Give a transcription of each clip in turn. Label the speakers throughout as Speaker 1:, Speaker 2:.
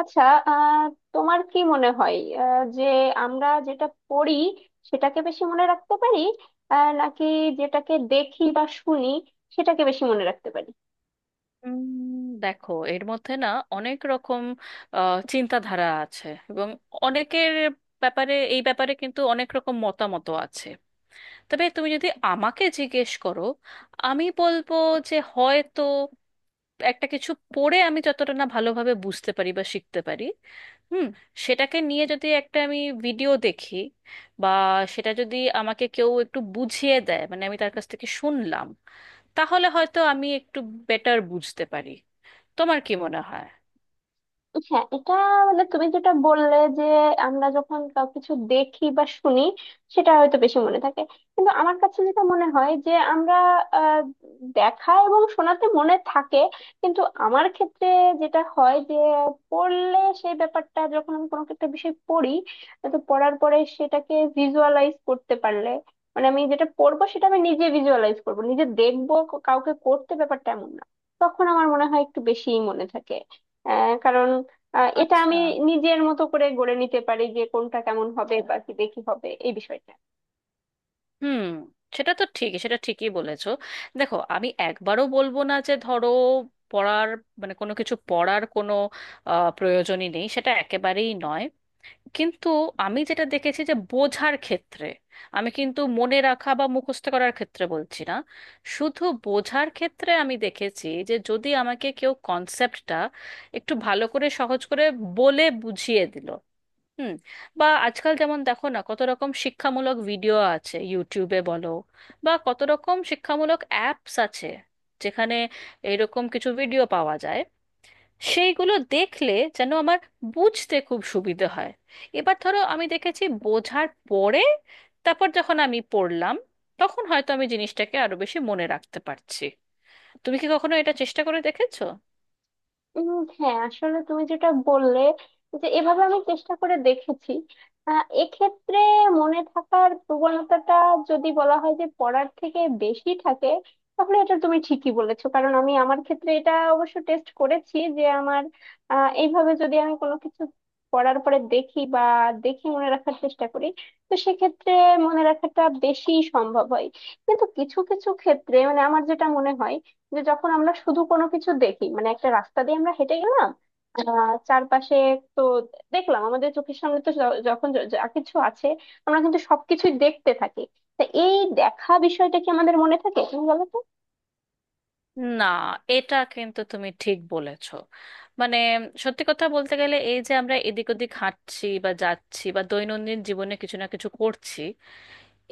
Speaker 1: আচ্ছা। আহ তোমার কি মনে হয় যে আমরা যেটা পড়ি সেটাকে বেশি মনে রাখতে পারি, নাকি যেটাকে দেখি বা শুনি সেটাকে বেশি মনে রাখতে পারি?
Speaker 2: উম, দেখো এর মধ্যে না অনেক রকম চিন্তাধারা আছে, এবং অনেকের ব্যাপারে এই ব্যাপারে কিন্তু অনেক রকম মতামত আছে। তবে তুমি যদি আমাকে জিজ্ঞেস করো, আমি বলবো যে হয়তো একটা কিছু পড়ে আমি যতটা না ভালোভাবে বুঝতে পারি বা শিখতে পারি, হুম, সেটাকে নিয়ে যদি একটা আমি ভিডিও দেখি, বা সেটা যদি আমাকে কেউ একটু বুঝিয়ে দেয়, মানে আমি তার কাছ থেকে শুনলাম, তাহলে হয়তো আমি একটু বেটার বুঝতে পারি। তোমার কি মনে হয়?
Speaker 1: হ্যাঁ, এটা মানে তুমি যেটা বললে যে আমরা যখন কিছু দেখি বা শুনি সেটা হয়তো বেশি মনে থাকে, কিন্তু আমার কাছে যেটা মনে হয় যে আমরা আহ, দেখা এবং শোনাতে মনে থাকে, কিন্তু আমার ক্ষেত্রে যেটা হয় যে পড়লে সেই ব্যাপারটা, যখন আমি কোনো একটা বিষয় পড়ি তো পড়ার পরে সেটাকে ভিজুয়ালাইজ করতে পারলে, মানে আমি যেটা পড়বো সেটা আমি নিজে ভিজুয়ালাইজ করবো, নিজে দেখবো, কাউকে করতে ব্যাপারটা এমন না, তখন আমার মনে হয় একটু বেশিই মনে থাকে। কারণ এটা
Speaker 2: আচ্ছা।
Speaker 1: আমি নিজের মতো করে গড়ে নিতে পারি যে কোনটা কেমন হবে বা কি দেখি হবে এই বিষয়টা।
Speaker 2: হুম। সেটা তো ঠিকই, সেটা ঠিকই বলেছো। দেখো, আমি একবারও বলবো না যে ধরো পড়ার মানে কোনো কিছু পড়ার কোনো প্রয়োজনই নেই, সেটা একেবারেই নয়। কিন্তু আমি যেটা দেখেছি যে বোঝার ক্ষেত্রে, আমি কিন্তু মনে রাখা বা মুখস্থ করার ক্ষেত্রে বলছি না, শুধু বোঝার ক্ষেত্রে আমি দেখেছি যে যদি আমাকে কেউ কনসেপ্টটা একটু ভালো করে সহজ করে বলে বুঝিয়ে দিল, হুম, বা আজকাল যেমন দেখো না কত রকম শিক্ষামূলক ভিডিও আছে ইউটিউবে বলো, বা কত রকম শিক্ষামূলক অ্যাপস আছে যেখানে এরকম কিছু ভিডিও পাওয়া যায়, সেইগুলো দেখলে যেন আমার বুঝতে খুব সুবিধে হয়। এবার ধরো আমি দেখেছি, বোঝার পরে তারপর যখন আমি পড়লাম, তখন হয়তো আমি জিনিসটাকে আরো বেশি মনে রাখতে পারছি। তুমি কি কখনো এটা চেষ্টা করে দেখেছো?
Speaker 1: উম, হ্যাঁ, আসলে তুমি যেটা বললে যে এভাবে আমি চেষ্টা করে দেখেছি। এক্ষেত্রে মনে থাকার প্রবণতাটা যদি বলা হয় যে পড়ার থেকে বেশি থাকে, তাহলে এটা তুমি ঠিকই বলেছো, কারণ আমি আমার ক্ষেত্রে এটা অবশ্য টেস্ট করেছি যে আমার এইভাবে যদি আমি কোনো কিছু পড়ার পরে দেখি বা দেখে মনে রাখার চেষ্টা করি, তো সেক্ষেত্রে মনে রাখাটা বেশি সম্ভব হয়। কিন্তু কিছু কিছু ক্ষেত্রে, মানে আমার যেটা মনে হয়, যে যখন আমরা শুধু কোনো কিছু দেখি, মানে একটা রাস্তা দিয়ে আমরা হেঁটে গেলাম চারপাশে, তো দেখলাম আমাদের চোখের সামনে তো যখন যা কিছু আছে আমরা কিন্তু সবকিছুই দেখতে থাকি। তা এই দেখা বিষয়টা কি আমাদের মনে থাকে, তুমি বলো তো?
Speaker 2: না, এটা কিন্তু তুমি ঠিক বলেছো। মানে সত্যি কথা বলতে গেলে, এই যে আমরা এদিক ওদিক হাঁটছি বা যাচ্ছি বা দৈনন্দিন জীবনে কিছু না কিছু করছি,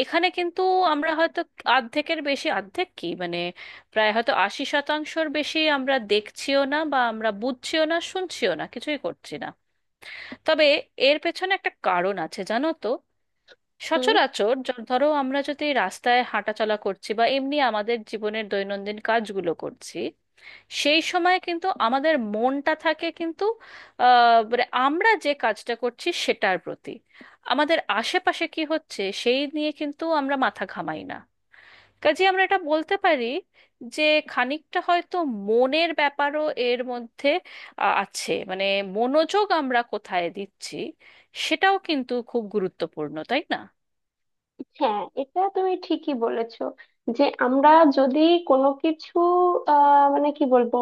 Speaker 2: এখানে কিন্তু আমরা হয়তো অর্ধেকের বেশি, অর্ধেক কি মানে, প্রায় হয়তো 80%র বেশি আমরা দেখছিও না, বা আমরা বুঝছিও না, শুনছিও না, কিছুই করছি না। তবে এর পেছনে একটা কারণ আছে, জানো তো।
Speaker 1: হুম।
Speaker 2: সচরাচর ধরো আমরা যদি রাস্তায় হাঁটাচলা করছি বা এমনি আমাদের জীবনের দৈনন্দিন কাজগুলো করছি, সেই সময় কিন্তু আমাদের মনটা থাকে কিন্তু মানে আমরা যে কাজটা করছি সেটার প্রতি। আমাদের আশেপাশে কি হচ্ছে সেই নিয়ে কিন্তু আমরা মাথা ঘামাই না। কাজে আমরা এটা বলতে পারি যে খানিকটা হয়তো মনের ব্যাপারও এর মধ্যে আছে। মানে মনোযোগ আমরা কোথায় দিচ্ছি সেটাও কিন্তু খুব গুরুত্বপূর্ণ, তাই না?
Speaker 1: হ্যাঁ, এটা তুমি ঠিকই বলেছো যে আমরা যদি কোনো কিছু মানে কি বলবো,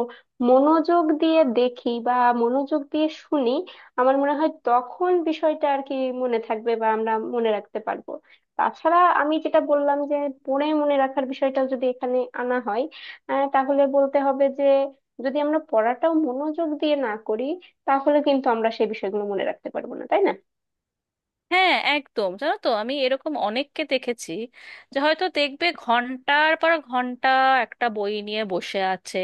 Speaker 1: মনোযোগ দিয়ে দেখি বা মনোযোগ দিয়ে শুনি, আমার মনে হয় তখন বিষয়টা আর কি, মনে থাকবে বা আমরা মনে রাখতে পারবো। তাছাড়া আমি যেটা বললাম যে পড়ে মনে রাখার বিষয়টাও যদি এখানে আনা হয়, তাহলে বলতে হবে যে যদি আমরা পড়াটাও মনোযোগ দিয়ে না করি, তাহলে কিন্তু আমরা সেই বিষয়গুলো মনে রাখতে পারবো না, তাই না?
Speaker 2: হ্যাঁ, একদম। জানো তো, আমি এরকম অনেককে দেখেছি যে হয়তো দেখবে ঘন্টার পর ঘন্টা একটা বই নিয়ে বসে আছে,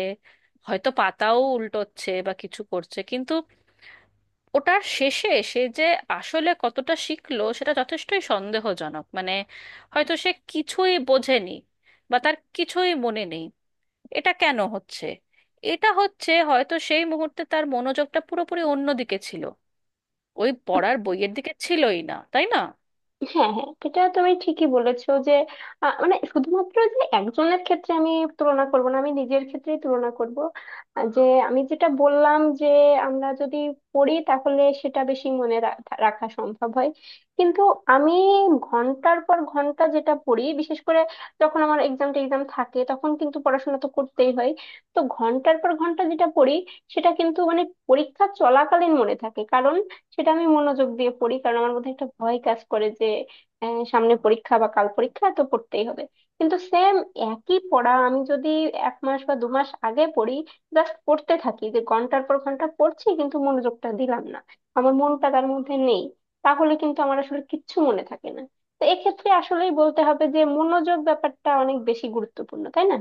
Speaker 2: হয়তো পাতাও উল্টোচ্ছে বা কিছু করছে, কিন্তু ওটার শেষে সে যে আসলে কতটা শিখলো সেটা যথেষ্টই সন্দেহজনক। মানে হয়তো সে কিছুই বোঝেনি বা তার কিছুই মনে নেই। এটা কেন হচ্ছে? এটা হচ্ছে হয়তো সেই মুহূর্তে তার মনোযোগটা পুরোপুরি অন্যদিকে ছিল, ওই পড়ার বইয়ের দিকে ছিলই না, তাই না?
Speaker 1: হ্যাঁ হ্যাঁ, এটা তুমি ঠিকই বলেছো যে মানে শুধুমাত্র যে একজনের ক্ষেত্রে আমি তুলনা করব না, আমি নিজের ক্ষেত্রেই তুলনা করব। যে আমি যেটা বললাম যে আমরা যদি পড়ি তাহলে সেটা বেশি মনে রাখা রাখা সম্ভব হয়। কিন্তু আমি ঘন্টার পর ঘন্টা যেটা পড়ি, বিশেষ করে যখন আমার এক্সাম টেক্সাম থাকে তখন কিন্তু পড়াশোনা তো করতেই হয়, তো ঘন্টার পর ঘন্টা যেটা পড়ি সেটা কিন্তু মানে পরীক্ষা চলাকালীন মনে থাকে, কারণ সেটা আমি মনোযোগ দিয়ে পড়ি, কারণ আমার মধ্যে একটা ভয় কাজ করে যে সামনে পরীক্ষা বা কাল পরীক্ষা তো পড়তেই হবে। কিন্তু একই পড়া আমি যদি এক মাস বা দু মাস আগে পড়ি, জাস্ট পড়তে থাকি যে ঘন্টার পর ঘন্টা পড়ছি কিন্তু মনোযোগটা দিলাম না, আমার মনটা তার মধ্যে নেই, তাহলে কিন্তু আমার আসলে কিচ্ছু মনে থাকে না। তো এক্ষেত্রে আসলেই বলতে হবে যে মনোযোগ ব্যাপারটা অনেক বেশি গুরুত্বপূর্ণ, তাই না?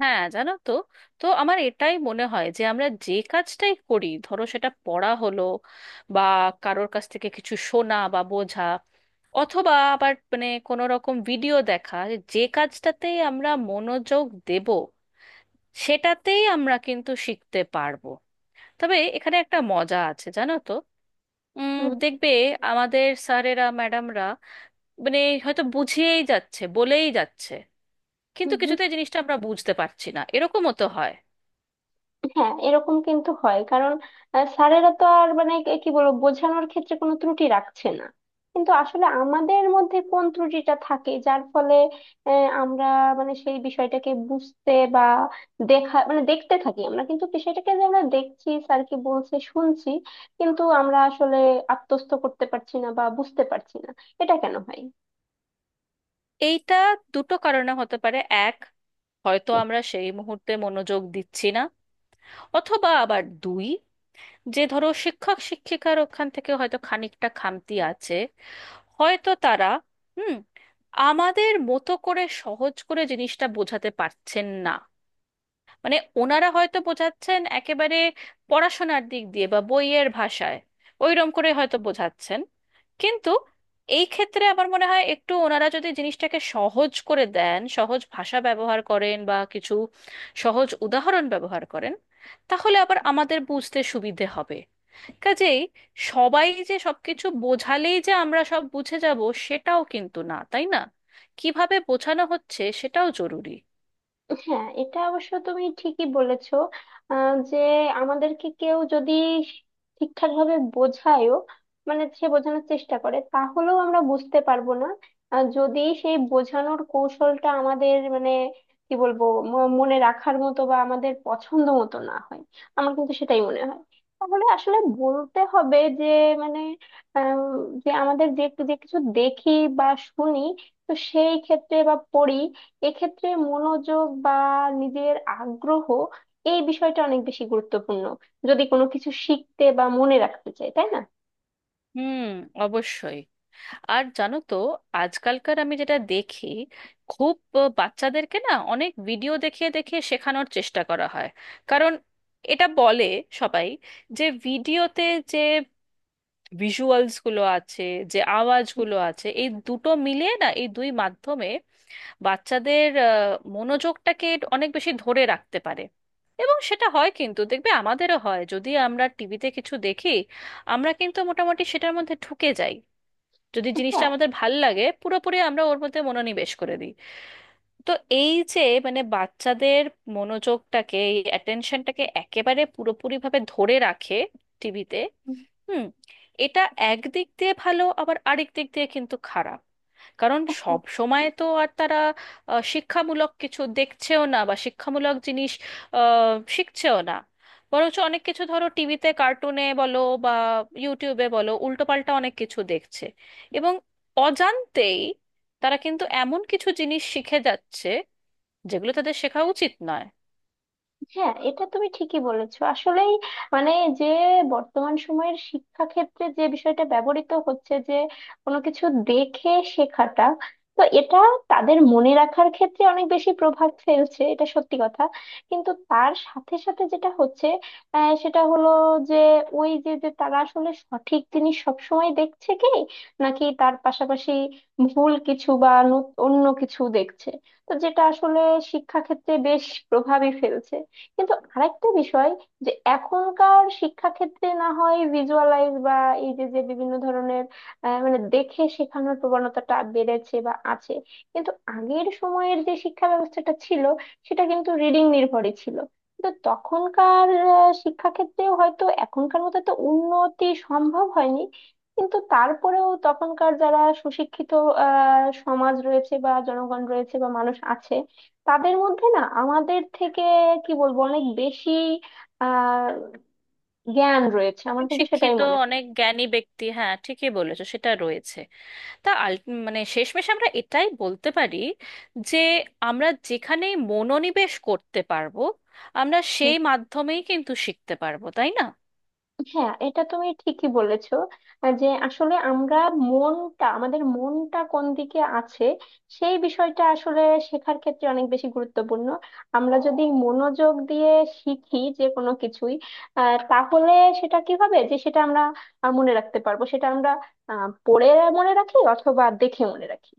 Speaker 2: হ্যাঁ, জানো তো, তো আমার এটাই মনে হয় যে আমরা যে কাজটাই করি, ধরো সেটা পড়া হলো, বা কারোর কাছ থেকে কিছু শোনা বা বোঝা, অথবা আবার মানে কোনো রকম ভিডিও দেখা, যে কাজটাতেই আমরা মনোযোগ দেব সেটাতেই আমরা কিন্তু শিখতে পারবো। তবে এখানে একটা মজা আছে, জানো তো। উম,
Speaker 1: হুম
Speaker 2: দেখবে আমাদের স্যারেরা ম্যাডামরা মানে হয়তো বুঝিয়েই যাচ্ছে, বলেই যাচ্ছে, কিন্তু
Speaker 1: হুম হুম।
Speaker 2: কিছুতেই জিনিসটা আমরা বুঝতে পারছি না, এরকমও তো হয়।
Speaker 1: হ্যাঁ, এরকম কিন্তু হয়, কারণ স্যারেরা তো আর মানে কি বলবো, বোঝানোর ক্ষেত্রে কোনো ত্রুটি রাখছে না, কিন্তু আসলে আমাদের মধ্যে কোন ত্রুটিটা থাকে যার ফলে আমরা মানে সেই বিষয়টাকে বুঝতে বা দেখা মানে দেখতে থাকি আমরা কিন্তু বিষয়টাকে, যে আমরা দেখছি স্যার কি বলছে শুনছি, কিন্তু আমরা আসলে আত্মস্থ করতে পারছি না বা বুঝতে পারছি না। এটা কেন হয়?
Speaker 2: এইটা দুটো কারণে হতে পারে। এক, হয়তো আমরা সেই মুহূর্তে মনোযোগ দিচ্ছি না। অথবা আবার দুই, যে ধরো শিক্ষক শিক্ষিকার ওখান থেকে হয়তো খানিকটা খামতি আছে, হয়তো তারা, হুম, আমাদের মতো করে সহজ করে জিনিসটা বোঝাতে পারছেন না। মানে ওনারা হয়তো বোঝাচ্ছেন একেবারে পড়াশোনার দিক দিয়ে বা বইয়ের ভাষায়, ওইরকম করে হয়তো বোঝাচ্ছেন। কিন্তু এই ক্ষেত্রে আমার মনে হয় একটু ওনারা যদি জিনিসটাকে সহজ করে দেন, সহজ ভাষা ব্যবহার করেন বা কিছু সহজ উদাহরণ ব্যবহার করেন, তাহলে আবার আমাদের বুঝতে সুবিধে হবে। কাজেই সবাই যে সবকিছু বোঝালেই যে আমরা সব বুঝে যাব, সেটাও কিন্তু না, তাই না? কিভাবে বোঝানো হচ্ছে সেটাও জরুরি।
Speaker 1: হ্যাঁ, এটা অবশ্য তুমি ঠিকই বলেছো। যে আমাদেরকে কেউ যদি ঠিকঠাক ভাবে বোঝায়ও, মানে সে বোঝানোর চেষ্টা করে, তাহলেও আমরা বুঝতে পারবো না আর যদি সেই বোঝানোর কৌশলটা আমাদের মানে কি বলবো, মনে রাখার মতো বা আমাদের পছন্দ মতো না হয়, আমার কিন্তু সেটাই মনে হয়। তাহলে আসলে বলতে হবে যে মানে আহ, যে আমাদের যে যে কিছু দেখি বা শুনি তো সেই ক্ষেত্রে বা পড়ি, এক্ষেত্রে মনোযোগ বা নিজের আগ্রহ এই বিষয়টা অনেক বেশি গুরুত্বপূর্ণ যদি কোনো কিছু শিখতে বা মনে রাখতে চাই, তাই না?
Speaker 2: হুম, অবশ্যই। আর জানো তো, আজকালকার আমি যেটা দেখি, খুব বাচ্চাদেরকে না অনেক ভিডিও দেখিয়ে দেখিয়ে শেখানোর চেষ্টা করা হয়। কারণ এটা বলে সবাই যে ভিডিওতে যে ভিজুয়ালস গুলো আছে, যে আওয়াজগুলো আছে, এই দুটো মিলিয়ে না, এই দুই মাধ্যমে বাচ্চাদের মনোযোগটাকে অনেক বেশি ধরে রাখতে পারে। এবং সেটা হয় কিন্তু, দেখবে আমাদেরও হয়, যদি আমরা টিভিতে কিছু দেখি আমরা কিন্তু মোটামুটি সেটার মধ্যে ঢুকে যাই। যদি জিনিসটা
Speaker 1: হ্যাঁ
Speaker 2: আমাদের ভাল লাগে পুরোপুরি আমরা ওর মধ্যে মনোনিবেশ করে দিই। তো এই যে মানে বাচ্চাদের মনোযোগটাকে, এই অ্যাটেনশনটাকে একেবারে পুরোপুরি ভাবে ধরে রাখে টিভিতে, হুম, এটা একদিক দিয়ে ভালো, আবার আরেক দিক দিয়ে কিন্তু খারাপ। কারণ সব সময় তো আর তারা শিক্ষামূলক কিছু দেখছেও না বা শিক্ষামূলক জিনিস শিখছেও না। বরঞ্চ অনেক কিছু, ধরো টিভিতে কার্টুনে বলো বা ইউটিউবে বলো, উল্টোপাল্টা অনেক কিছু দেখছে, এবং অজান্তেই তারা কিন্তু এমন কিছু জিনিস শিখে যাচ্ছে যেগুলো তাদের শেখা উচিত নয়।
Speaker 1: হ্যাঁ, এটা তুমি ঠিকই বলেছো আসলেই। মানে যে বর্তমান সময়ের শিক্ষা ক্ষেত্রে যে বিষয়টা ব্যবহৃত হচ্ছে যে কোনো কিছু দেখে শেখাটা, তো এটা তাদের মনে রাখার ক্ষেত্রে অনেক বেশি প্রভাব ফেলছে, এটা সত্যি কথা। কিন্তু তার সাথে সাথে যেটা হচ্ছে সেটা হলো যে ওই যে যে তারা আসলে সঠিক জিনিস সবসময় দেখছে কি নাকি তার পাশাপাশি ভুল কিছু বা অন্য কিছু দেখছে, তো যেটা আসলে শিক্ষা ক্ষেত্রে বেশ প্রভাবই ফেলছে। কিন্তু আরেকটা বিষয়, যে এখনকার শিক্ষাক্ষেত্রে না হয় ভিজুয়ালাইজ বা এই যে যে বিভিন্ন ধরনের মানে দেখে শেখানোর প্রবণতাটা বেড়েছে বা আছে, কিন্তু আগের সময়ের যে শিক্ষা ব্যবস্থাটা ছিল সেটা কিন্তু রিডিং নির্ভরই ছিল। কিন্তু তখনকার শিক্ষাক্ষেত্রেও হয়তো এখনকার মতো তো উন্নতি সম্ভব হয়নি, কিন্তু তারপরেও তখনকার যারা সুশিক্ষিত সমাজ রয়েছে বা জনগণ রয়েছে বা মানুষ আছে, তাদের মধ্যে না আমাদের থেকে কি বলবো অনেক বেশি আহ জ্ঞান রয়েছে, আমার
Speaker 2: অনেক
Speaker 1: কিন্তু সেটাই
Speaker 2: শিক্ষিত,
Speaker 1: মনে হয়।
Speaker 2: অনেক জ্ঞানী ব্যক্তি, হ্যাঁ ঠিকই বলেছো, সেটা রয়েছে। তা মানে শেষমেশ আমরা এটাই বলতে পারি যে আমরা যেখানে মনোনিবেশ করতে পারবো, আমরা
Speaker 1: হুম,
Speaker 2: সেই মাধ্যমেই কিন্তু শিখতে পারবো, তাই না?
Speaker 1: হ্যাঁ এটা তুমি ঠিকই বলেছো। যে আসলে আমরা আমাদের মনটা কোন দিকে আছে সেই বিষয়টা আসলে শেখার ক্ষেত্রে অনেক বেশি গুরুত্বপূর্ণ। আমরা যদি মনোযোগ দিয়ে শিখি যে কোনো কিছুই, তাহলে সেটা কি হবে যে সেটা আমরা মনে রাখতে পারবো, সেটা আমরা পড়ে মনে রাখি অথবা দেখে মনে রাখি।